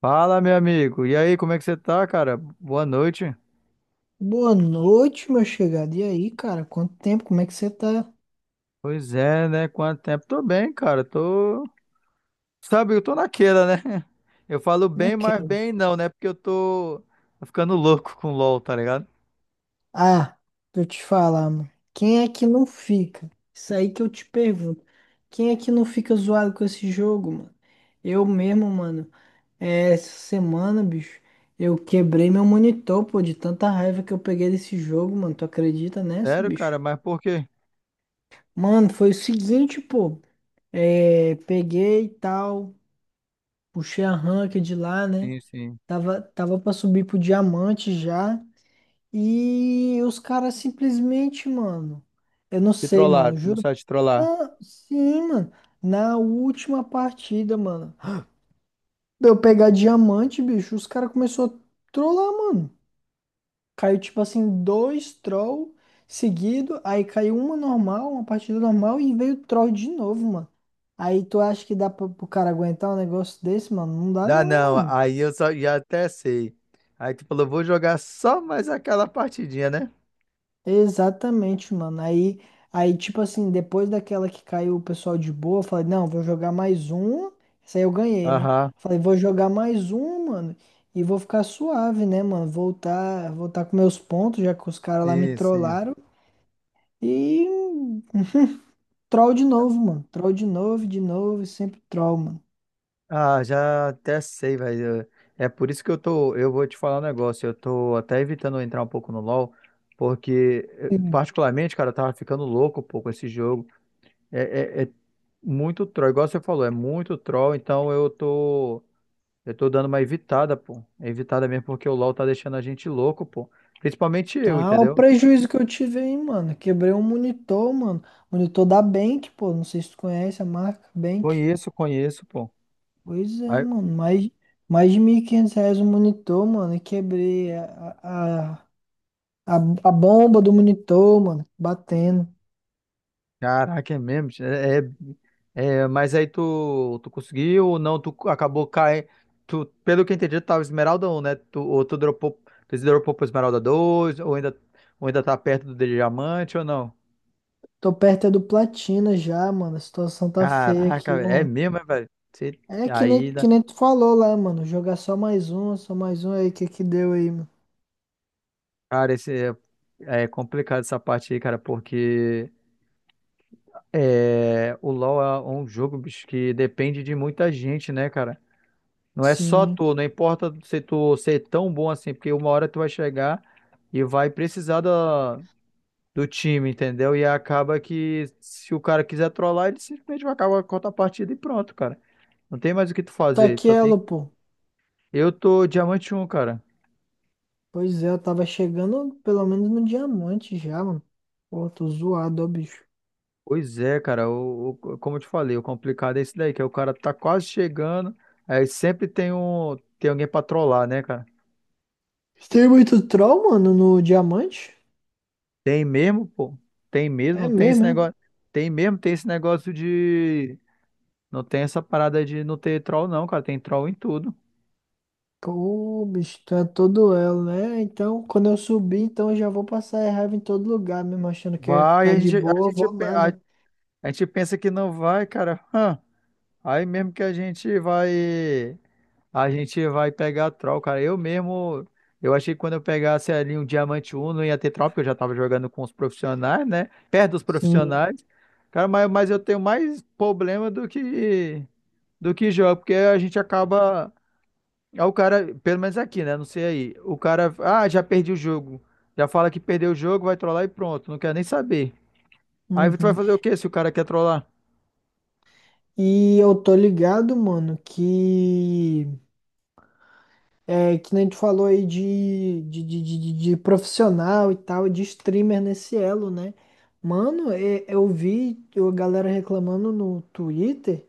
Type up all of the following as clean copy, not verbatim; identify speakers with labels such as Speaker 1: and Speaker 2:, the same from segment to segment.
Speaker 1: Fala, meu amigo. E aí, como é que você tá, cara? Boa noite.
Speaker 2: Boa noite, meu chegado. E aí, cara? Quanto tempo? Como é que você tá
Speaker 1: Pois é, né? Quanto tempo? Tô bem, cara. Tô. Sabe, eu tô naquela, né? Eu falo bem, mas
Speaker 2: naquela?
Speaker 1: bem não, né? Porque eu tô ficando louco com LOL, tá ligado?
Speaker 2: Ah, pra eu te falar, mano. Quem é que não fica? Isso aí que eu te pergunto. Quem é que não fica zoado com esse jogo, mano? Eu mesmo, mano. Essa semana, bicho, eu quebrei meu monitor, pô, de tanta raiva que eu peguei desse jogo, mano. Tu acredita nessa,
Speaker 1: Sério, cara,
Speaker 2: bicho?
Speaker 1: mas por quê?
Speaker 2: Mano, foi o seguinte, pô. É, peguei e tal. Puxei a ranca de lá, né?
Speaker 1: Sim, sim.
Speaker 2: Tava pra subir pro diamante já. E os caras simplesmente, mano. Eu não
Speaker 1: Te
Speaker 2: sei,
Speaker 1: trollaram,
Speaker 2: mano. Juro.
Speaker 1: começaram a te trollar.
Speaker 2: Não, sim, mano. Na última partida, mano. Pra Eu pegar diamante, bicho. Os caras começou a trollar, mano. Caiu, tipo assim, dois troll seguido. Aí caiu uma normal, uma partida normal. E veio troll de novo, mano. Aí tu acha que dá pro cara aguentar um negócio desse, mano? Não dá,
Speaker 1: Dá
Speaker 2: não,
Speaker 1: não,
Speaker 2: mano.
Speaker 1: aí eu só já até sei. Aí tu falou, vou jogar só mais aquela partidinha, né?
Speaker 2: Exatamente, mano. Aí, tipo assim, depois daquela que caiu o pessoal de boa, eu falei, não, vou jogar mais um. Essa aí eu ganhei, né?
Speaker 1: Aham.
Speaker 2: Falei, vou jogar mais um, mano, e vou ficar suave, né, mano? Voltar com meus pontos, já que os caras lá me
Speaker 1: Sim, sim.
Speaker 2: trollaram. E troll de novo, mano. Troll de novo, e sempre troll, mano.
Speaker 1: Ah, já até sei, velho. É por isso que eu tô. Eu vou te falar um negócio. Eu tô até evitando entrar um pouco no LoL, porque,
Speaker 2: Sim.
Speaker 1: particularmente, cara, eu tava ficando louco um pouco esse jogo. É, é muito troll, igual você falou, é muito troll, então eu tô. Eu tô dando uma evitada, pô. Evitada mesmo porque o LoL tá deixando a gente louco, pô. Principalmente eu,
Speaker 2: Tá, o
Speaker 1: entendeu?
Speaker 2: prejuízo que eu tive aí, mano. Quebrei um monitor, mano. Monitor da Bank, pô. Não sei se tu conhece a marca Bank.
Speaker 1: Conheço, conheço, pô.
Speaker 2: Pois é, mano. Mais de 1.500 reais o monitor, mano. E quebrei a, a, a bomba do monitor, mano. Batendo.
Speaker 1: Caraca, é mesmo? É, mas aí tu conseguiu ou não? Tu acabou caindo. Tu, pelo que eu entendi, tu tava Esmeralda um, né? Tu, ou tu dropou, tu se dropou pra Esmeralda 2? Ou ainda, ou ainda tá perto do diamante ou não?
Speaker 2: Tô perto é do platina já, mano. A situação tá feia
Speaker 1: Caraca,
Speaker 2: aqui, ó,
Speaker 1: velho, é
Speaker 2: mano.
Speaker 1: mesmo, é, velho? Você-
Speaker 2: É
Speaker 1: Aí, dá-
Speaker 2: que nem tu falou lá, mano. Jogar só mais um aí. O que que deu aí, mano?
Speaker 1: cara, esse, é complicado essa parte aí, cara, porque é, o LoL é um jogo, bicho, que depende de muita gente, né, cara? Não é só
Speaker 2: Sim.
Speaker 1: tu, não importa se tu ser tão bom assim, porque uma hora tu vai chegar e vai precisar da, do time, entendeu? E acaba que se o cara quiser trollar, ele simplesmente vai acabar com a partida e pronto, cara. Não tem mais o que tu
Speaker 2: Tá
Speaker 1: fazer,
Speaker 2: aqui
Speaker 1: só tem...
Speaker 2: ela, pô.
Speaker 1: Eu tô diamante um, cara.
Speaker 2: Pois é, eu tava chegando pelo menos no diamante já, mano. Pô, tô zoado, ó, bicho.
Speaker 1: Pois é, cara, como eu te falei, o complicado é esse daí, que é o cara tá quase chegando, aí sempre tem um, tem alguém pra trollar, né, cara?
Speaker 2: Tem muito troll, mano, no diamante?
Speaker 1: Tem mesmo, pô? Tem mesmo,
Speaker 2: É
Speaker 1: não tem esse
Speaker 2: mesmo, é?
Speaker 1: negócio. Tem mesmo, tem esse negócio de Não tem essa parada de não ter troll, não, cara. Tem troll em tudo.
Speaker 2: Pô, o bicho, tu é todo elo, né? Então, quando eu subir, então eu já vou passar raiva em todo lugar, mesmo achando que eu ia
Speaker 1: Vai,
Speaker 2: ficar
Speaker 1: a
Speaker 2: de
Speaker 1: gente, a
Speaker 2: boa,
Speaker 1: gente,
Speaker 2: vou
Speaker 1: pe- a,
Speaker 2: nada.
Speaker 1: A gente pensa que não vai, cara. Hã. Aí mesmo que a gente vai. A gente vai pegar troll, cara. Eu mesmo. Eu achei que quando eu pegasse ali um diamante um não ia ter troll, porque eu já tava jogando com os profissionais, né? Perto dos
Speaker 2: Sim.
Speaker 1: profissionais. Cara, mas eu tenho mais problema do que. Do que jogo, porque a gente acaba. Aí o cara, pelo menos aqui, né? Não sei aí. O cara, ah, já perdi o jogo. Já fala que perdeu o jogo, vai trollar e pronto. Não quer nem saber. Aí tu vai
Speaker 2: Uhum.
Speaker 1: fazer o quê se o cara quer trollar?
Speaker 2: E eu tô ligado, mano, que é que nem tu falou aí de profissional e tal, de streamer nesse elo, né? Mano, eu vi a galera reclamando no Twitter.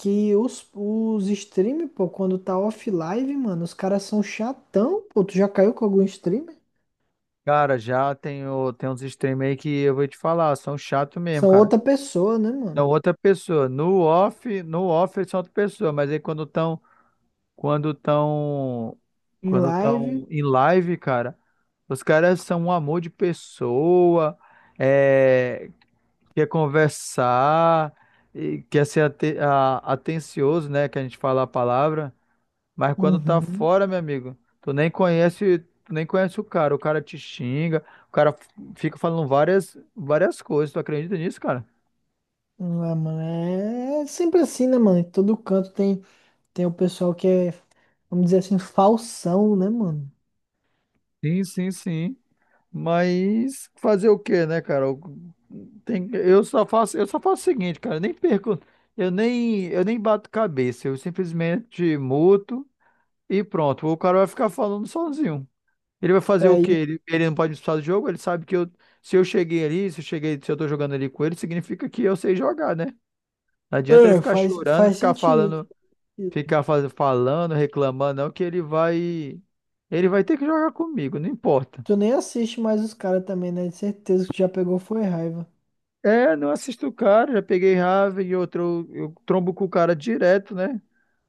Speaker 2: Que os stream, pô, quando tá off live, mano, os caras são chatão, pô. Tu já caiu com algum streamer?
Speaker 1: Cara, já tem, tem uns streamers aí que eu vou te falar, são chato mesmo,
Speaker 2: São
Speaker 1: cara.
Speaker 2: outra pessoa, né,
Speaker 1: São
Speaker 2: mano?
Speaker 1: outra pessoa. No off eles são outra pessoa, mas aí quando estão, quando estão,
Speaker 2: Em
Speaker 1: quando
Speaker 2: live.
Speaker 1: estão em live, cara, os caras são um amor de pessoa. É, quer conversar, e quer ser atencioso, né? Que a gente fala a palavra, mas quando tá
Speaker 2: Uhum.
Speaker 1: fora, meu amigo, tu nem conhece o cara te xinga, o cara fica falando várias, várias coisas. Tu acredita nisso, cara?
Speaker 2: Ah, mano, é sempre assim, né, mano? Em todo canto tem, tem o pessoal que é, vamos dizer assim, falsão, né, mano?
Speaker 1: Sim, sim, sim. Mas fazer o quê, né, cara? Tem, eu só faço o seguinte, cara, eu nem perco, eu nem bato cabeça, eu simplesmente muto e pronto. O cara vai ficar falando sozinho. Ele vai fazer o quê?
Speaker 2: Aí,
Speaker 1: Ele não pode me expulsar do jogo? Ele sabe que eu, se eu cheguei, se eu tô jogando ali com ele, significa que eu sei jogar, né? Não adianta ele
Speaker 2: é,
Speaker 1: ficar
Speaker 2: faz,
Speaker 1: chorando,
Speaker 2: faz
Speaker 1: ficar
Speaker 2: sentido.
Speaker 1: falando, falando, reclamando, não, ele vai ter que jogar comigo, não importa.
Speaker 2: Tu nem assiste mais os caras também, né? De certeza que tu já pegou foi raiva.
Speaker 1: É, não assisto o cara, já peguei raiva e outro, eu trombo com o cara direto, né?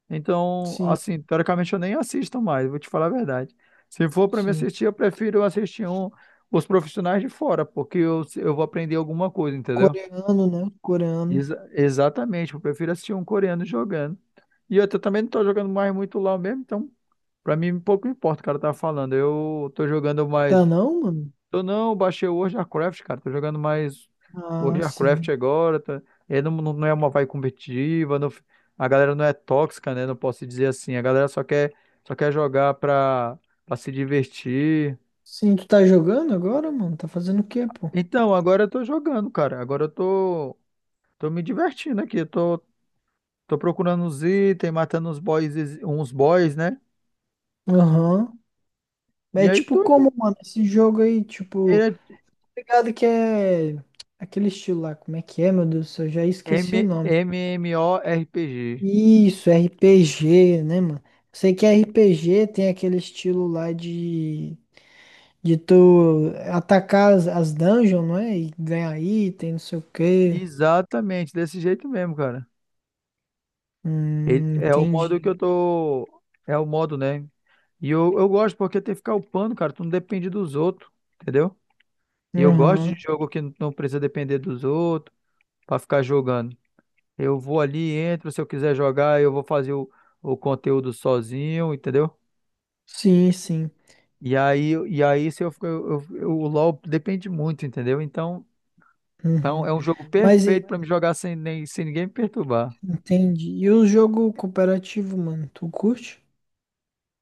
Speaker 1: Então,
Speaker 2: Sim,
Speaker 1: assim, teoricamente eu nem assisto mais, vou te falar a verdade. Se for para me
Speaker 2: sim.
Speaker 1: assistir, eu prefiro os profissionais de fora, porque eu vou aprender alguma coisa, entendeu?
Speaker 2: Coreano, né? Coreano.
Speaker 1: Exatamente, eu prefiro assistir um coreano jogando. E também não tô jogando mais muito LoL mesmo, então pra mim pouco importa o cara tá falando. Eu tô jogando mais
Speaker 2: Tá não, mano?
Speaker 1: Tô não, baixei o World of Warcraft, cara. Tô jogando mais World
Speaker 2: Ah,
Speaker 1: of Warcraft
Speaker 2: sim.
Speaker 1: agora. Tá... É, não não é uma vibe competitiva. A galera não é tóxica, né? Não posso dizer assim. A galera só quer jogar pra se divertir.
Speaker 2: Sim, tu tá jogando agora, mano? Tá fazendo o quê, pô?
Speaker 1: Então, agora eu tô jogando, cara. Tô me divertindo aqui. Tô procurando uns itens, matando uns boys, né?
Speaker 2: Aham.
Speaker 1: E
Speaker 2: É
Speaker 1: aí
Speaker 2: tipo
Speaker 1: tô aqui.
Speaker 2: como, mano, esse jogo aí, tipo,
Speaker 1: É
Speaker 2: tá ligado que é aquele estilo lá, como é que é, meu Deus do céu, eu já esqueci o nome.
Speaker 1: MMORPG.
Speaker 2: Isso, RPG, né, mano? Sei que RPG tem aquele estilo lá de tu atacar as, as dungeons, não é? E ganhar item, não sei o quê.
Speaker 1: Exatamente, desse jeito mesmo, cara. É o modo que
Speaker 2: Entendi.
Speaker 1: eu tô. É o modo, né? E eu gosto porque tem que ficar upando, cara. Tu não depende dos outros, entendeu? E eu gosto de
Speaker 2: Aham.
Speaker 1: jogo que não precisa depender dos outros pra ficar jogando. Eu vou ali, entro. Se eu quiser jogar, eu vou fazer o conteúdo sozinho, entendeu?
Speaker 2: Sim, sim.
Speaker 1: E aí se eu, fico- eu- o LoL depende muito, entendeu? Então
Speaker 2: Uhum.
Speaker 1: é um jogo
Speaker 2: Mas
Speaker 1: perfeito
Speaker 2: e-
Speaker 1: pra me jogar sem ninguém me perturbar.
Speaker 2: Entendi. E o jogo cooperativo, mano, tu curte?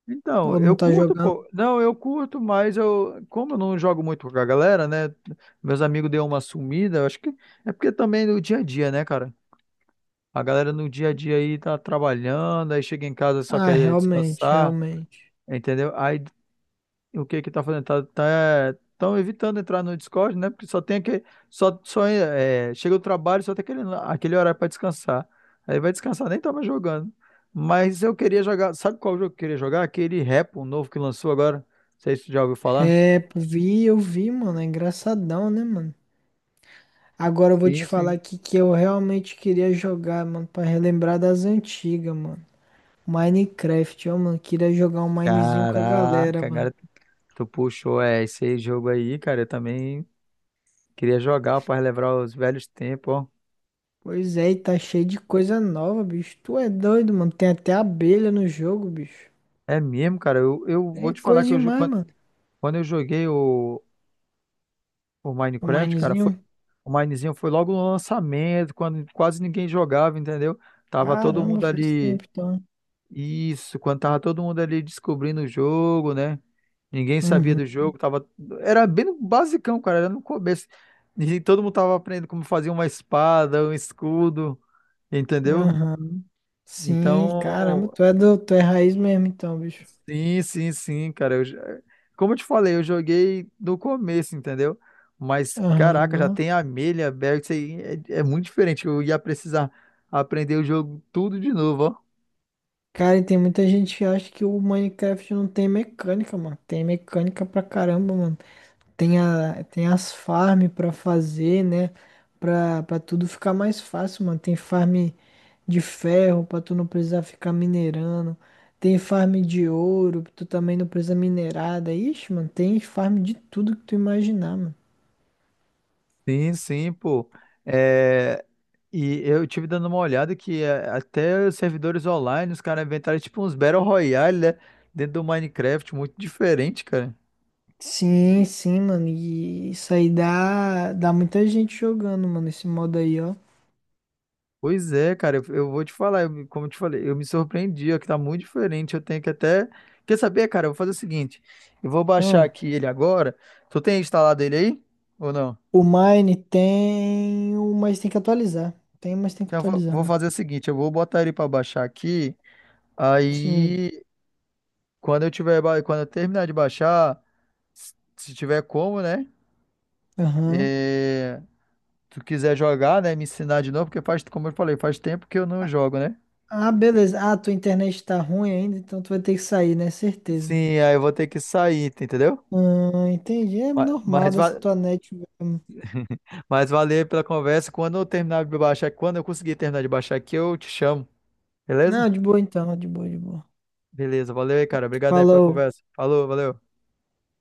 Speaker 1: Então,
Speaker 2: Ou não
Speaker 1: eu
Speaker 2: tá
Speaker 1: curto,
Speaker 2: jogando?
Speaker 1: pô. Não, eu curto, mas eu, como eu não jogo muito com a galera, né? Meus amigos deu uma sumida, eu acho que é porque também no dia a dia, né, cara? A galera no dia a dia aí tá trabalhando, aí chega em casa só
Speaker 2: Ah,
Speaker 1: quer
Speaker 2: realmente,
Speaker 1: descansar,
Speaker 2: realmente.
Speaker 1: entendeu? Aí o que que tá fazendo? Tá, tão evitando entrar no Discord, né? Porque só tem aquele, só é, chega do trabalho, só tem aquele, aquele horário para descansar. Aí vai descansar, nem tava jogando. Mas eu queria jogar, sabe qual jogo que eu queria jogar? Aquele Repo novo que lançou agora. Não sei se tu já ouviu falar.
Speaker 2: É, pô, vi, eu vi, mano, é engraçadão, né, mano? Agora eu vou te
Speaker 1: Sim,
Speaker 2: falar
Speaker 1: sim.
Speaker 2: aqui que eu realmente queria jogar, mano, pra relembrar das antigas, mano. Minecraft, ó, mano, queria jogar um Minezinho com a
Speaker 1: Caraca,
Speaker 2: galera, mano.
Speaker 1: cara, tu puxou, é, esse jogo aí, cara, eu também queria jogar para relembrar os velhos tempos, ó.
Speaker 2: Pois é, e tá cheio de coisa nova, bicho. Tu é doido, mano, tem até abelha no jogo, bicho.
Speaker 1: É mesmo, cara, eu vou
Speaker 2: É
Speaker 1: te falar
Speaker 2: coisa
Speaker 1: que
Speaker 2: demais, mano.
Speaker 1: quando eu joguei o
Speaker 2: O
Speaker 1: Minecraft, cara,
Speaker 2: Minezinho.
Speaker 1: O Minezinho foi logo no lançamento, quando quase ninguém jogava, entendeu? Tava todo
Speaker 2: Caramba,
Speaker 1: mundo
Speaker 2: faz
Speaker 1: ali.
Speaker 2: tempo, então.
Speaker 1: Isso, quando tava todo mundo ali descobrindo o jogo, né? Ninguém sabia do
Speaker 2: Uhum.
Speaker 1: jogo, tava. Era bem no basicão, cara, era no começo. E todo mundo tava aprendendo como fazer uma espada, um escudo, entendeu?
Speaker 2: Aham. Sim, caramba, tu
Speaker 1: Então,
Speaker 2: é do, tu é raiz mesmo então, bicho.
Speaker 1: sim, sim, sim, cara. Como eu te falei, eu joguei do começo, entendeu? Mas, caraca, já
Speaker 2: Aham.
Speaker 1: tem Amelia, Berg, isso aí é muito diferente. Eu ia precisar aprender o jogo tudo de novo, ó.
Speaker 2: Cara, e tem muita gente que acha que o Minecraft não tem mecânica, mano. Tem mecânica pra caramba, mano. Tem, a, tem as farm pra fazer, né? Pra tudo ficar mais fácil, mano. Tem farm de ferro pra tu não precisar ficar minerando. Tem farm de ouro, tu também não precisa minerar. Daí, Ixi, mano, tem farm de tudo que tu imaginar, mano.
Speaker 1: Sim, sim, pô. É, e eu tive dando uma olhada que é, até os servidores online, os caras inventaram tipo uns Battle Royale, né? Dentro do Minecraft, muito diferente, cara.
Speaker 2: Sim, sim, mano. E isso aí dá muita gente jogando, mano, esse modo aí, ó.
Speaker 1: Pois é, cara, eu vou te falar, eu me- como eu te falei, eu me surpreendi, ó, que tá muito diferente. Eu tenho que até. Quer saber, cara? Eu vou fazer o seguinte: eu vou baixar
Speaker 2: Hum.
Speaker 1: aqui ele agora. Tu tem instalado ele aí? Ou não?
Speaker 2: O Mine tem, o- mas tem que atualizar. Tem, mas tem que
Speaker 1: Então eu vou
Speaker 2: atualizar,
Speaker 1: vou
Speaker 2: mano.
Speaker 1: fazer o seguinte: eu vou botar ele pra baixar aqui.
Speaker 2: Sim.
Speaker 1: Aí, quando eu terminar de baixar, se tiver como, né?
Speaker 2: Aham.
Speaker 1: É, tu quiser jogar, né? Me ensinar de novo, porque faz, como eu falei, faz tempo que eu não jogo, né?
Speaker 2: Ah, beleza. Ah, tua internet tá ruim ainda, então tu vai ter que sair, né? Certeza.
Speaker 1: Sim, aí eu vou ter que sair, tá, entendeu?
Speaker 2: Ah, entendi. É normal
Speaker 1: Mas,
Speaker 2: dessa tua net mesmo.
Speaker 1: Mas valeu pela conversa. Quando eu conseguir terminar de baixar aqui, eu te chamo. Beleza?
Speaker 2: Não, de boa então, de boa, de boa.
Speaker 1: Beleza, valeu aí, cara. Obrigado aí pela
Speaker 2: Falou.
Speaker 1: conversa. Falou, valeu.